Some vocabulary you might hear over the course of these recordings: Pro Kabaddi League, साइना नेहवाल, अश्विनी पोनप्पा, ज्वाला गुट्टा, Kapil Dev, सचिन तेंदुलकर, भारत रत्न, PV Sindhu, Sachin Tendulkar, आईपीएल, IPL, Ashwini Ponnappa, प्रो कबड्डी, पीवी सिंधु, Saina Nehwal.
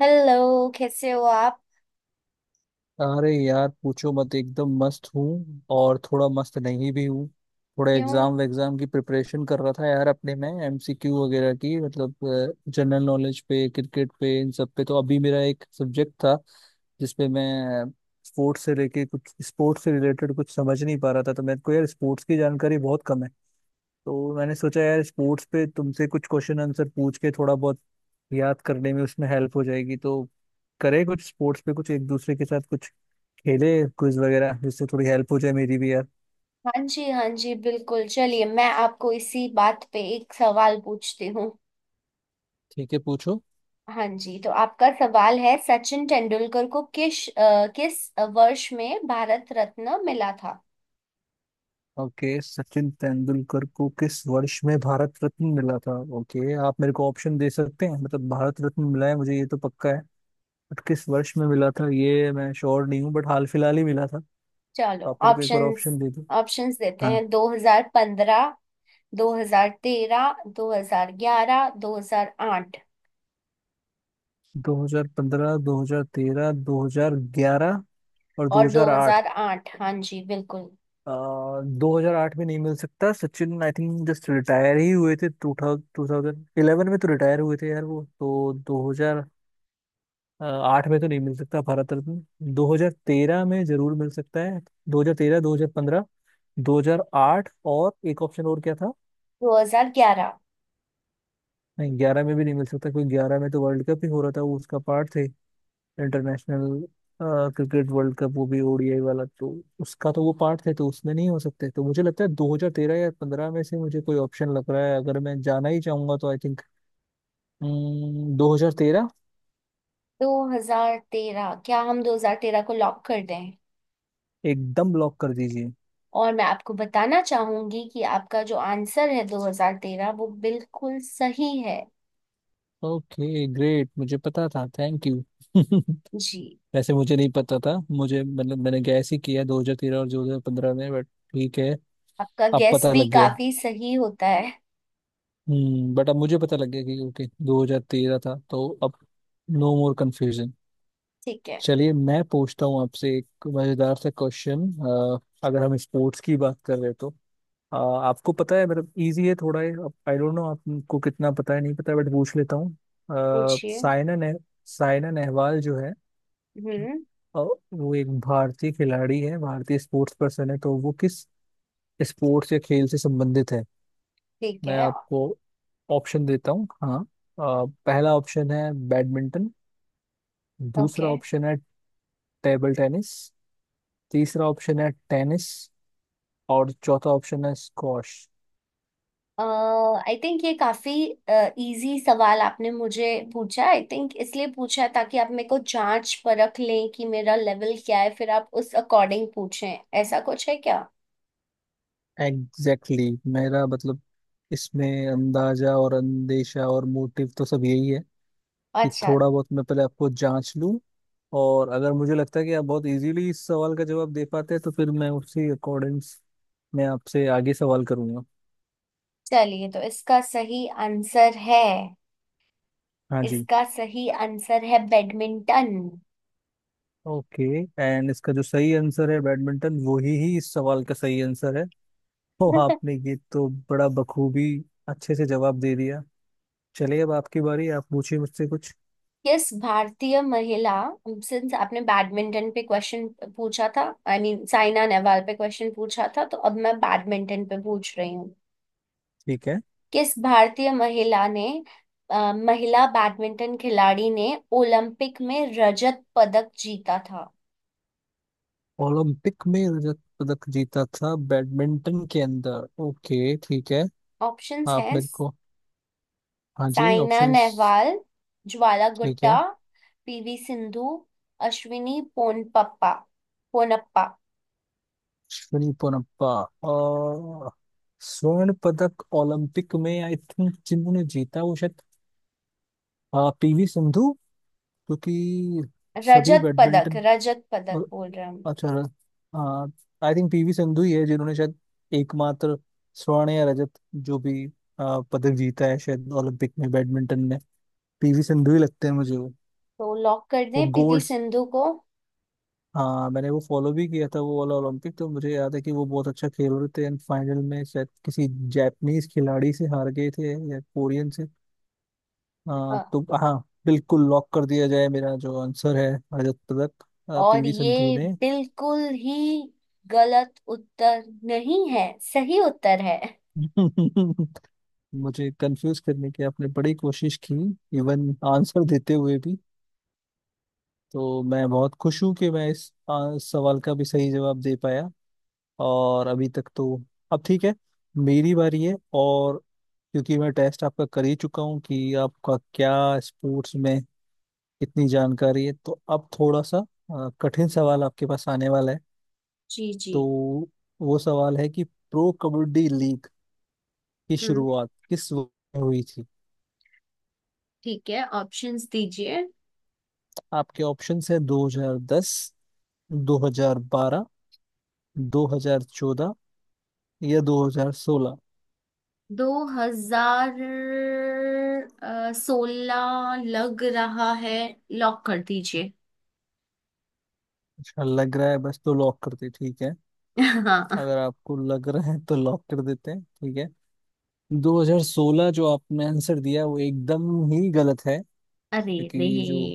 Hello. कैसे हो आप? अरे यार पूछो मत एकदम मस्त हूँ और थोड़ा मस्त नहीं भी हूँ। थोड़ा क्यों? एग्जाम एग्जाम की प्रिपरेशन कर रहा था यार अपने में एमसीक्यू वगैरह की, मतलब जनरल नॉलेज पे क्रिकेट पे इन सब पे। तो अभी मेरा एक सब्जेक्ट था जिसपे मैं स्पोर्ट्स से लेके कुछ स्पोर्ट्स से रिलेटेड कुछ समझ नहीं पा रहा था। तो मेरे को यार स्पोर्ट्स की जानकारी बहुत कम है। तो मैंने सोचा यार स्पोर्ट्स पे तुमसे कुछ क्वेश्चन आंसर पूछ के थोड़ा बहुत याद करने में उसमें हेल्प हो जाएगी। तो करे कुछ स्पोर्ट्स पे कुछ एक दूसरे के साथ कुछ खेले, क्विज वगैरह, जिससे थोड़ी हेल्प हो जाए मेरी भी यार। हाँ जी, हाँ जी, बिल्कुल चलिए, मैं आपको इसी बात पे एक सवाल पूछती हूँ। ठीक है, पूछो। हाँ जी, तो आपका सवाल है सचिन तेंदुलकर को किस वर्ष में भारत रत्न मिला था? ओके सचिन तेंदुलकर को किस वर्ष में भारत रत्न मिला था? ओके, आप मेरे को ऑप्शन दे सकते हैं। मतलब भारत रत्न मिला है मुझे, ये तो पक्का है। बट किस वर्ष में मिला था ये मैं श्योर नहीं हूँ, बट हाल फिलहाल ही मिला था। चलो तो आप मेरे को एक बार ऑप्शंस, ऑप्शन दे दो। ऑप्शंस देते हाँ, हैं, 2015, 2013, 2011, 2008 2015, 2013, 2011 और और 2008? 2008। हाँ जी, बिल्कुल दो हजार आठ में नहीं मिल सकता Sachin, I think just retire ही हुए थे। 2011 में तो रिटायर हुए थे यार वो, तो 2008 में तो नहीं मिल सकता भारत रत्न। 2013 में जरूर मिल सकता है। 2013, 2015, 2008 और एक ऑप्शन और क्या था? 2011, नहीं, ग्यारह में भी नहीं मिल सकता क्योंकि ग्यारह में तो वर्ल्ड कप ही हो रहा था, वो उसका पार्ट थे। इंटरनेशनल क्रिकेट वर्ल्ड कप, वो भी ओडीआई वाला, तो उसका तो वो पार्ट थे, तो उसमें नहीं हो सकते। तो मुझे लगता है 2013 या 15 में से मुझे कोई ऑप्शन लग रहा है। अगर मैं जाना ही चाहूंगा तो आई थिंक 2013। 2013। क्या हम 2013 को लॉक कर दें? एकदम लॉक कर दीजिए। और मैं आपको बताना चाहूंगी कि आपका जो आंसर है 2013 वो बिल्कुल सही है। ओके ग्रेट, मुझे पता था, थैंक यू। जी, वैसे मुझे नहीं पता था, मुझे मतलब मैंने गैस ही किया 2013 और 2015 में, बट ठीक है। आपका अब गैस पता भी लग गया। काफी सही होता है। हम्म, बट अब मुझे पता लग गया कि ओके 2013 था, तो अब नो मोर कंफ्यूजन। ठीक है, चलिए मैं पूछता हूँ आपसे एक मजेदार सा क्वेश्चन। अगर हम स्पोर्ट्स की बात कर रहे हैं तो आपको पता है, मतलब इजी है थोड़ा ये। आई डोंट नो आपको कितना पता है, नहीं पता, बट पूछ लेता हूँ। अ, पूछिए। सायना ने सायना नेहवाल जो है, हम्म। अ, वो एक भारतीय खिलाड़ी है, भारतीय स्पोर्ट्स पर्सन है, तो वो किस स्पोर्ट्स या खेल से संबंधित है? ठीक मैं है। आपको ऑप्शन देता हूँ, हाँ। पहला ऑप्शन है बैडमिंटन। ओके, दूसरा ऑप्शन है टेबल टेनिस। तीसरा ऑप्शन है टेनिस। और चौथा ऑप्शन है स्क्वॉश। आई थिंक ये काफी इजी सवाल आपने मुझे पूछा, आई थिंक इसलिए पूछा है ताकि आप मेरे को जांच परख लें कि मेरा लेवल क्या है, फिर आप उस अकॉर्डिंग पूछें। ऐसा कुछ है क्या? Exactly exactly। मेरा मतलब इसमें अंदाजा और अंदेशा और मोटिव तो सब यही है कि अच्छा। थोड़ा बहुत मैं पहले आपको जांच लूं। और अगर मुझे लगता है कि आप बहुत इजीली इस सवाल का जवाब दे पाते हैं तो फिर मैं उसी अकॉर्डिंग मैं आपसे आगे सवाल करूंगा। चलिए तो इसका सही आंसर है, हाँ जी। इसका सही आंसर है बैडमिंटन। ओके, एंड इसका जो सही आंसर है बैडमिंटन, वही ही इस सवाल का सही आंसर है। तो आपने ये तो बड़ा बखूबी अच्छे से जवाब दे दिया। चलिए अब आपकी बारी, आप पूछिए मुझसे कुछ। किस भारतीय महिला, सिंस आपने बैडमिंटन पे क्वेश्चन पूछा था, आई मीन साइना नेहवाल पे क्वेश्चन पूछा था, तो अब मैं बैडमिंटन पे पूछ रही हूँ। ठीक है। किस भारतीय महिला ने महिला बैडमिंटन खिलाड़ी ने ओलंपिक में रजत पदक जीता था? ओलंपिक में रजत पदक जीता था बैडमिंटन के अंदर, ओके ठीक है। ऑप्शंस आप हैं मेरे को, हाँ जी साइना ऑप्शंस। नेहवाल, ज्वाला ठीक है, गुट्टा, पीवी सिंधु, अश्विनी पोनप्पा, पोनप्पा। अश्विनी पोनप्पा। और स्वर्ण पदक ओलंपिक में आई थिंक जिन्होंने जीता वो शायद पीवी सिंधु, क्योंकि सभी रजत पदक, बैडमिंटन। रजत पदक और बोल रहे हैं हम। अच्छा, हाँ, आई थिंक पीवी संधू ही है जिन्होंने शायद एकमात्र स्वर्ण या रजत जो भी पदक जीता है शायद ओलंपिक में बैडमिंटन में। पीवी संधू ही लगते हैं मुझे वो तो लॉक कर वो दें पीवी गोल्ड्स। सिंधु को? हाँ मैंने वो फॉलो भी किया था, वो वाला ओलंपिक, तो मुझे याद है कि वो बहुत अच्छा खेल रहे थे एंड फाइनल में शायद किसी जापानीज खिलाड़ी से हार गए थे या कोरियन से। अ, हाँ तो हाँ, बिल्कुल लॉक कर दिया जाए, मेरा जो आंसर है रजत पदक और पीवी संधू ये ने। बिल्कुल ही गलत उत्तर नहीं है, सही उत्तर है। मुझे कंफ्यूज करने की आपने बड़ी कोशिश की, इवन आंसर देते हुए भी। तो मैं बहुत खुश हूँ कि मैं इस सवाल का भी सही जवाब दे पाया। और अभी तक तो अब ठीक है। मेरी बारी है, और क्योंकि मैं टेस्ट आपका कर ही चुका हूँ कि आपका क्या स्पोर्ट्स में इतनी जानकारी है, तो अब थोड़ा सा कठिन सवाल आपके पास आने वाला है। जी जी। तो वो सवाल है कि प्रो कबड्डी लीग की हम्म। शुरुआत किस वर्ष में हुई थी? ठीक है, ऑप्शंस दीजिए। आपके ऑप्शंस है 2010, 2012, 2014 या 2016। 2016 लग रहा है, लॉक कर दीजिए। अच्छा लग रहा है बस, तो लॉक कर दे, ठीक है। हाँ। अगर आपको लग रहा है तो लॉक कर देते हैं, ठीक है। 2016 जो आपने आंसर दिया वो एकदम ही गलत है। अरे रे। क्योंकि जो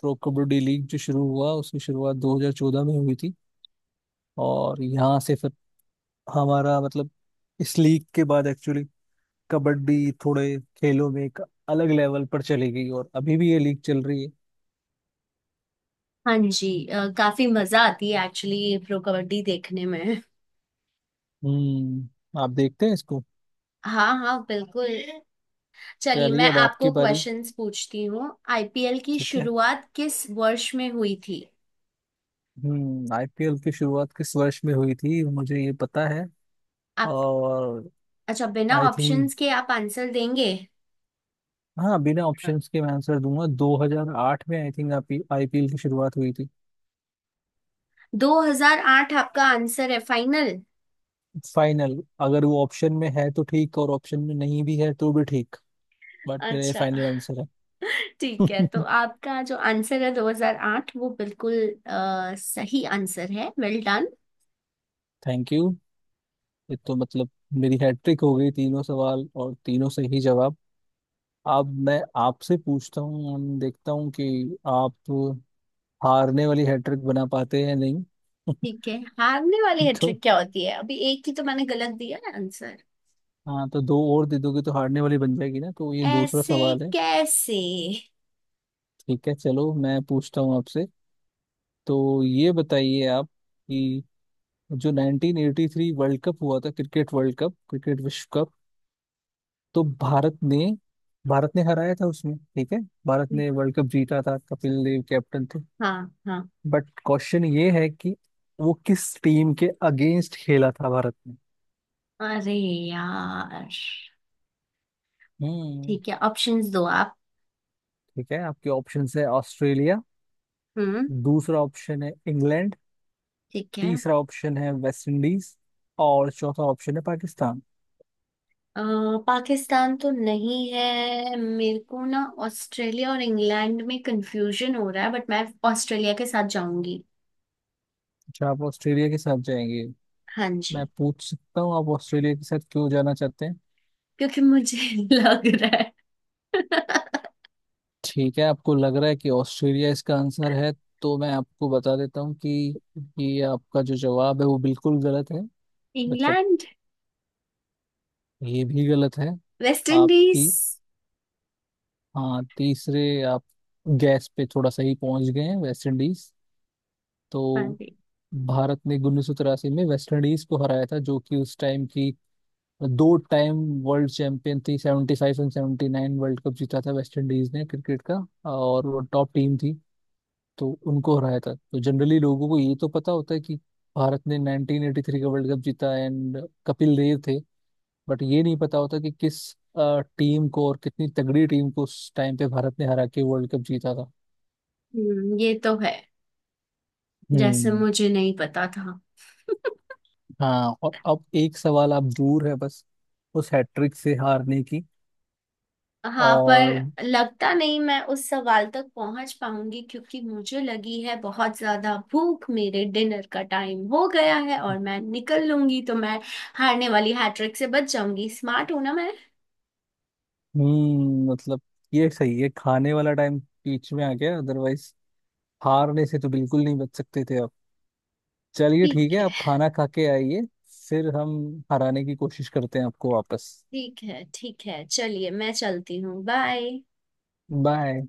प्रो कबड्डी लीग जो शुरू हुआ, उसकी शुरुआत 2014 में हुई थी। और यहाँ से फिर हमारा मतलब इस लीग के बाद एक्चुअली कबड्डी थोड़े खेलों में एक अलग लेवल पर चली गई, और अभी भी ये लीग चल रही है। हाँ जी, काफी मजा आती है एक्चुअली प्रो कबड्डी देखने में। हम्म, आप देखते हैं इसको? हाँ हाँ, बिल्कुल। चलिए चलिए मैं अब आपको आपकी बारी। क्वेश्चंस पूछती हूँ। आईपीएल की ठीक है, शुरुआत किस वर्ष में हुई थी? आईपीएल की शुरुआत किस वर्ष में हुई थी मुझे ये पता है। आप। और अच्छा, बिना आई थिंक, ऑप्शंस के आप आंसर देंगे। हाँ, बिना ऑप्शंस के मैं आंसर दूंगा 2008 में आई थिंक आप आईपीएल की शुरुआत हुई थी। 2008 आपका आंसर है फाइनल? फाइनल, अगर वो ऑप्शन में है तो ठीक और ऑप्शन में नहीं भी है तो भी ठीक, बट मेरा ये अच्छा, फाइनल आंसर है। ठीक है। तो आपका जो आंसर है 2008 वो बिल्कुल सही आंसर है। Well done. Thank you. ये तो मतलब मेरी हैट्रिक हो गई, तीनों सवाल और तीनों सही जवाब। अब मैं आपसे पूछता हूँ हम देखता हूँ कि आप हारने वाली हैट्रिक बना पाते हैं या नहीं। ठीक है। हारने वाली तो हैट्रिक क्या होती है? अभी एक ही तो मैंने गलत दिया है आंसर। हाँ, तो दो और दे दोगे तो हारने वाली बन जाएगी ना, तो ये दूसरा ऐसे सवाल है। कैसे? ठीक है चलो मैं पूछता हूँ आपसे। तो ये बताइए आप कि जो 1983 वर्ल्ड कप हुआ था, क्रिकेट वर्ल्ड कप, क्रिकेट विश्व कप, तो भारत ने हराया था उसमें, ठीक है। भारत ने वर्ल्ड कप जीता था, कपिल देव कैप्टन थे। हाँ। हाँ। बट क्वेश्चन ये है कि वो किस टीम के अगेंस्ट खेला था भारत ने? अरे यार। हम्म। ठीक है, ऑप्शंस दो आप। ठीक है, आपके ऑप्शंस है ऑस्ट्रेलिया, हम्म। दूसरा ऑप्शन है इंग्लैंड, ठीक है। तीसरा ऑप्शन है वेस्ट इंडीज, और चौथा ऑप्शन है पाकिस्तान। अ, पाकिस्तान तो नहीं है, मेरे को ना ऑस्ट्रेलिया और इंग्लैंड में कंफ्यूजन हो रहा है, बट मैं ऑस्ट्रेलिया के साथ जाऊंगी। अच्छा, आप ऑस्ट्रेलिया के साथ जाएंगे? हाँ मैं जी। पूछ सकता हूँ आप ऑस्ट्रेलिया के साथ क्यों जाना चाहते हैं? क्योंकि मुझे लग रहा है। ठीक है, आपको लग रहा है कि ऑस्ट्रेलिया इसका आंसर है। तो मैं आपको बता देता हूँ कि ये आपका जो जवाब है वो बिल्कुल गलत है। मतलब इंग्लैंड। ये भी गलत है। वेस्ट आप इंडीज। ती, हाँ तीसरे आप गैस पे थोड़ा सही पहुंच गए हैं, वेस्ट इंडीज। तो हाँ जी। भारत ने 1983 में वेस्ट इंडीज को हराया था, जो कि उस टाइम की दो टाइम वर्ल्ड चैंपियन थी, 75 एंड 79 वर्ल्ड कप जीता था वेस्ट इंडीज ने क्रिकेट का, और वो टॉप टीम थी। तो उनको हराया था। तो जनरली लोगों को ये तो पता होता है कि भारत ने 1983 का वर्ल्ड कप जीता एंड कपिल देव थे, बट ये नहीं पता होता कि किस टीम को और कितनी तगड़ी टीम को उस टाइम पे भारत ने हरा के वर्ल्ड कप जीता था। हम्म, ये तो है। जैसे हम्म। मुझे नहीं पता था। हाँ, और अब एक सवाल आप दूर है बस उस हैट्रिक से हारने की। हाँ, और पर लगता नहीं मैं उस सवाल तक पहुंच पाऊंगी क्योंकि मुझे लगी है बहुत ज्यादा भूख, मेरे डिनर का टाइम हो गया है और मैं निकल लूंगी, तो मैं हारने वाली हैट्रिक से बच जाऊंगी। स्मार्ट हूं ना मैं? हम्म, मतलब ये सही है, खाने वाला टाइम बीच में आ गया, अदरवाइज हारने से तो बिल्कुल नहीं बच सकते थे आप। चलिए ठीक ठीक है, है, आप खाना खा के आइए, फिर हम हराने की कोशिश करते हैं आपको वापस। ठीक है, ठीक है। चलिए मैं चलती हूँ, बाय। बाय।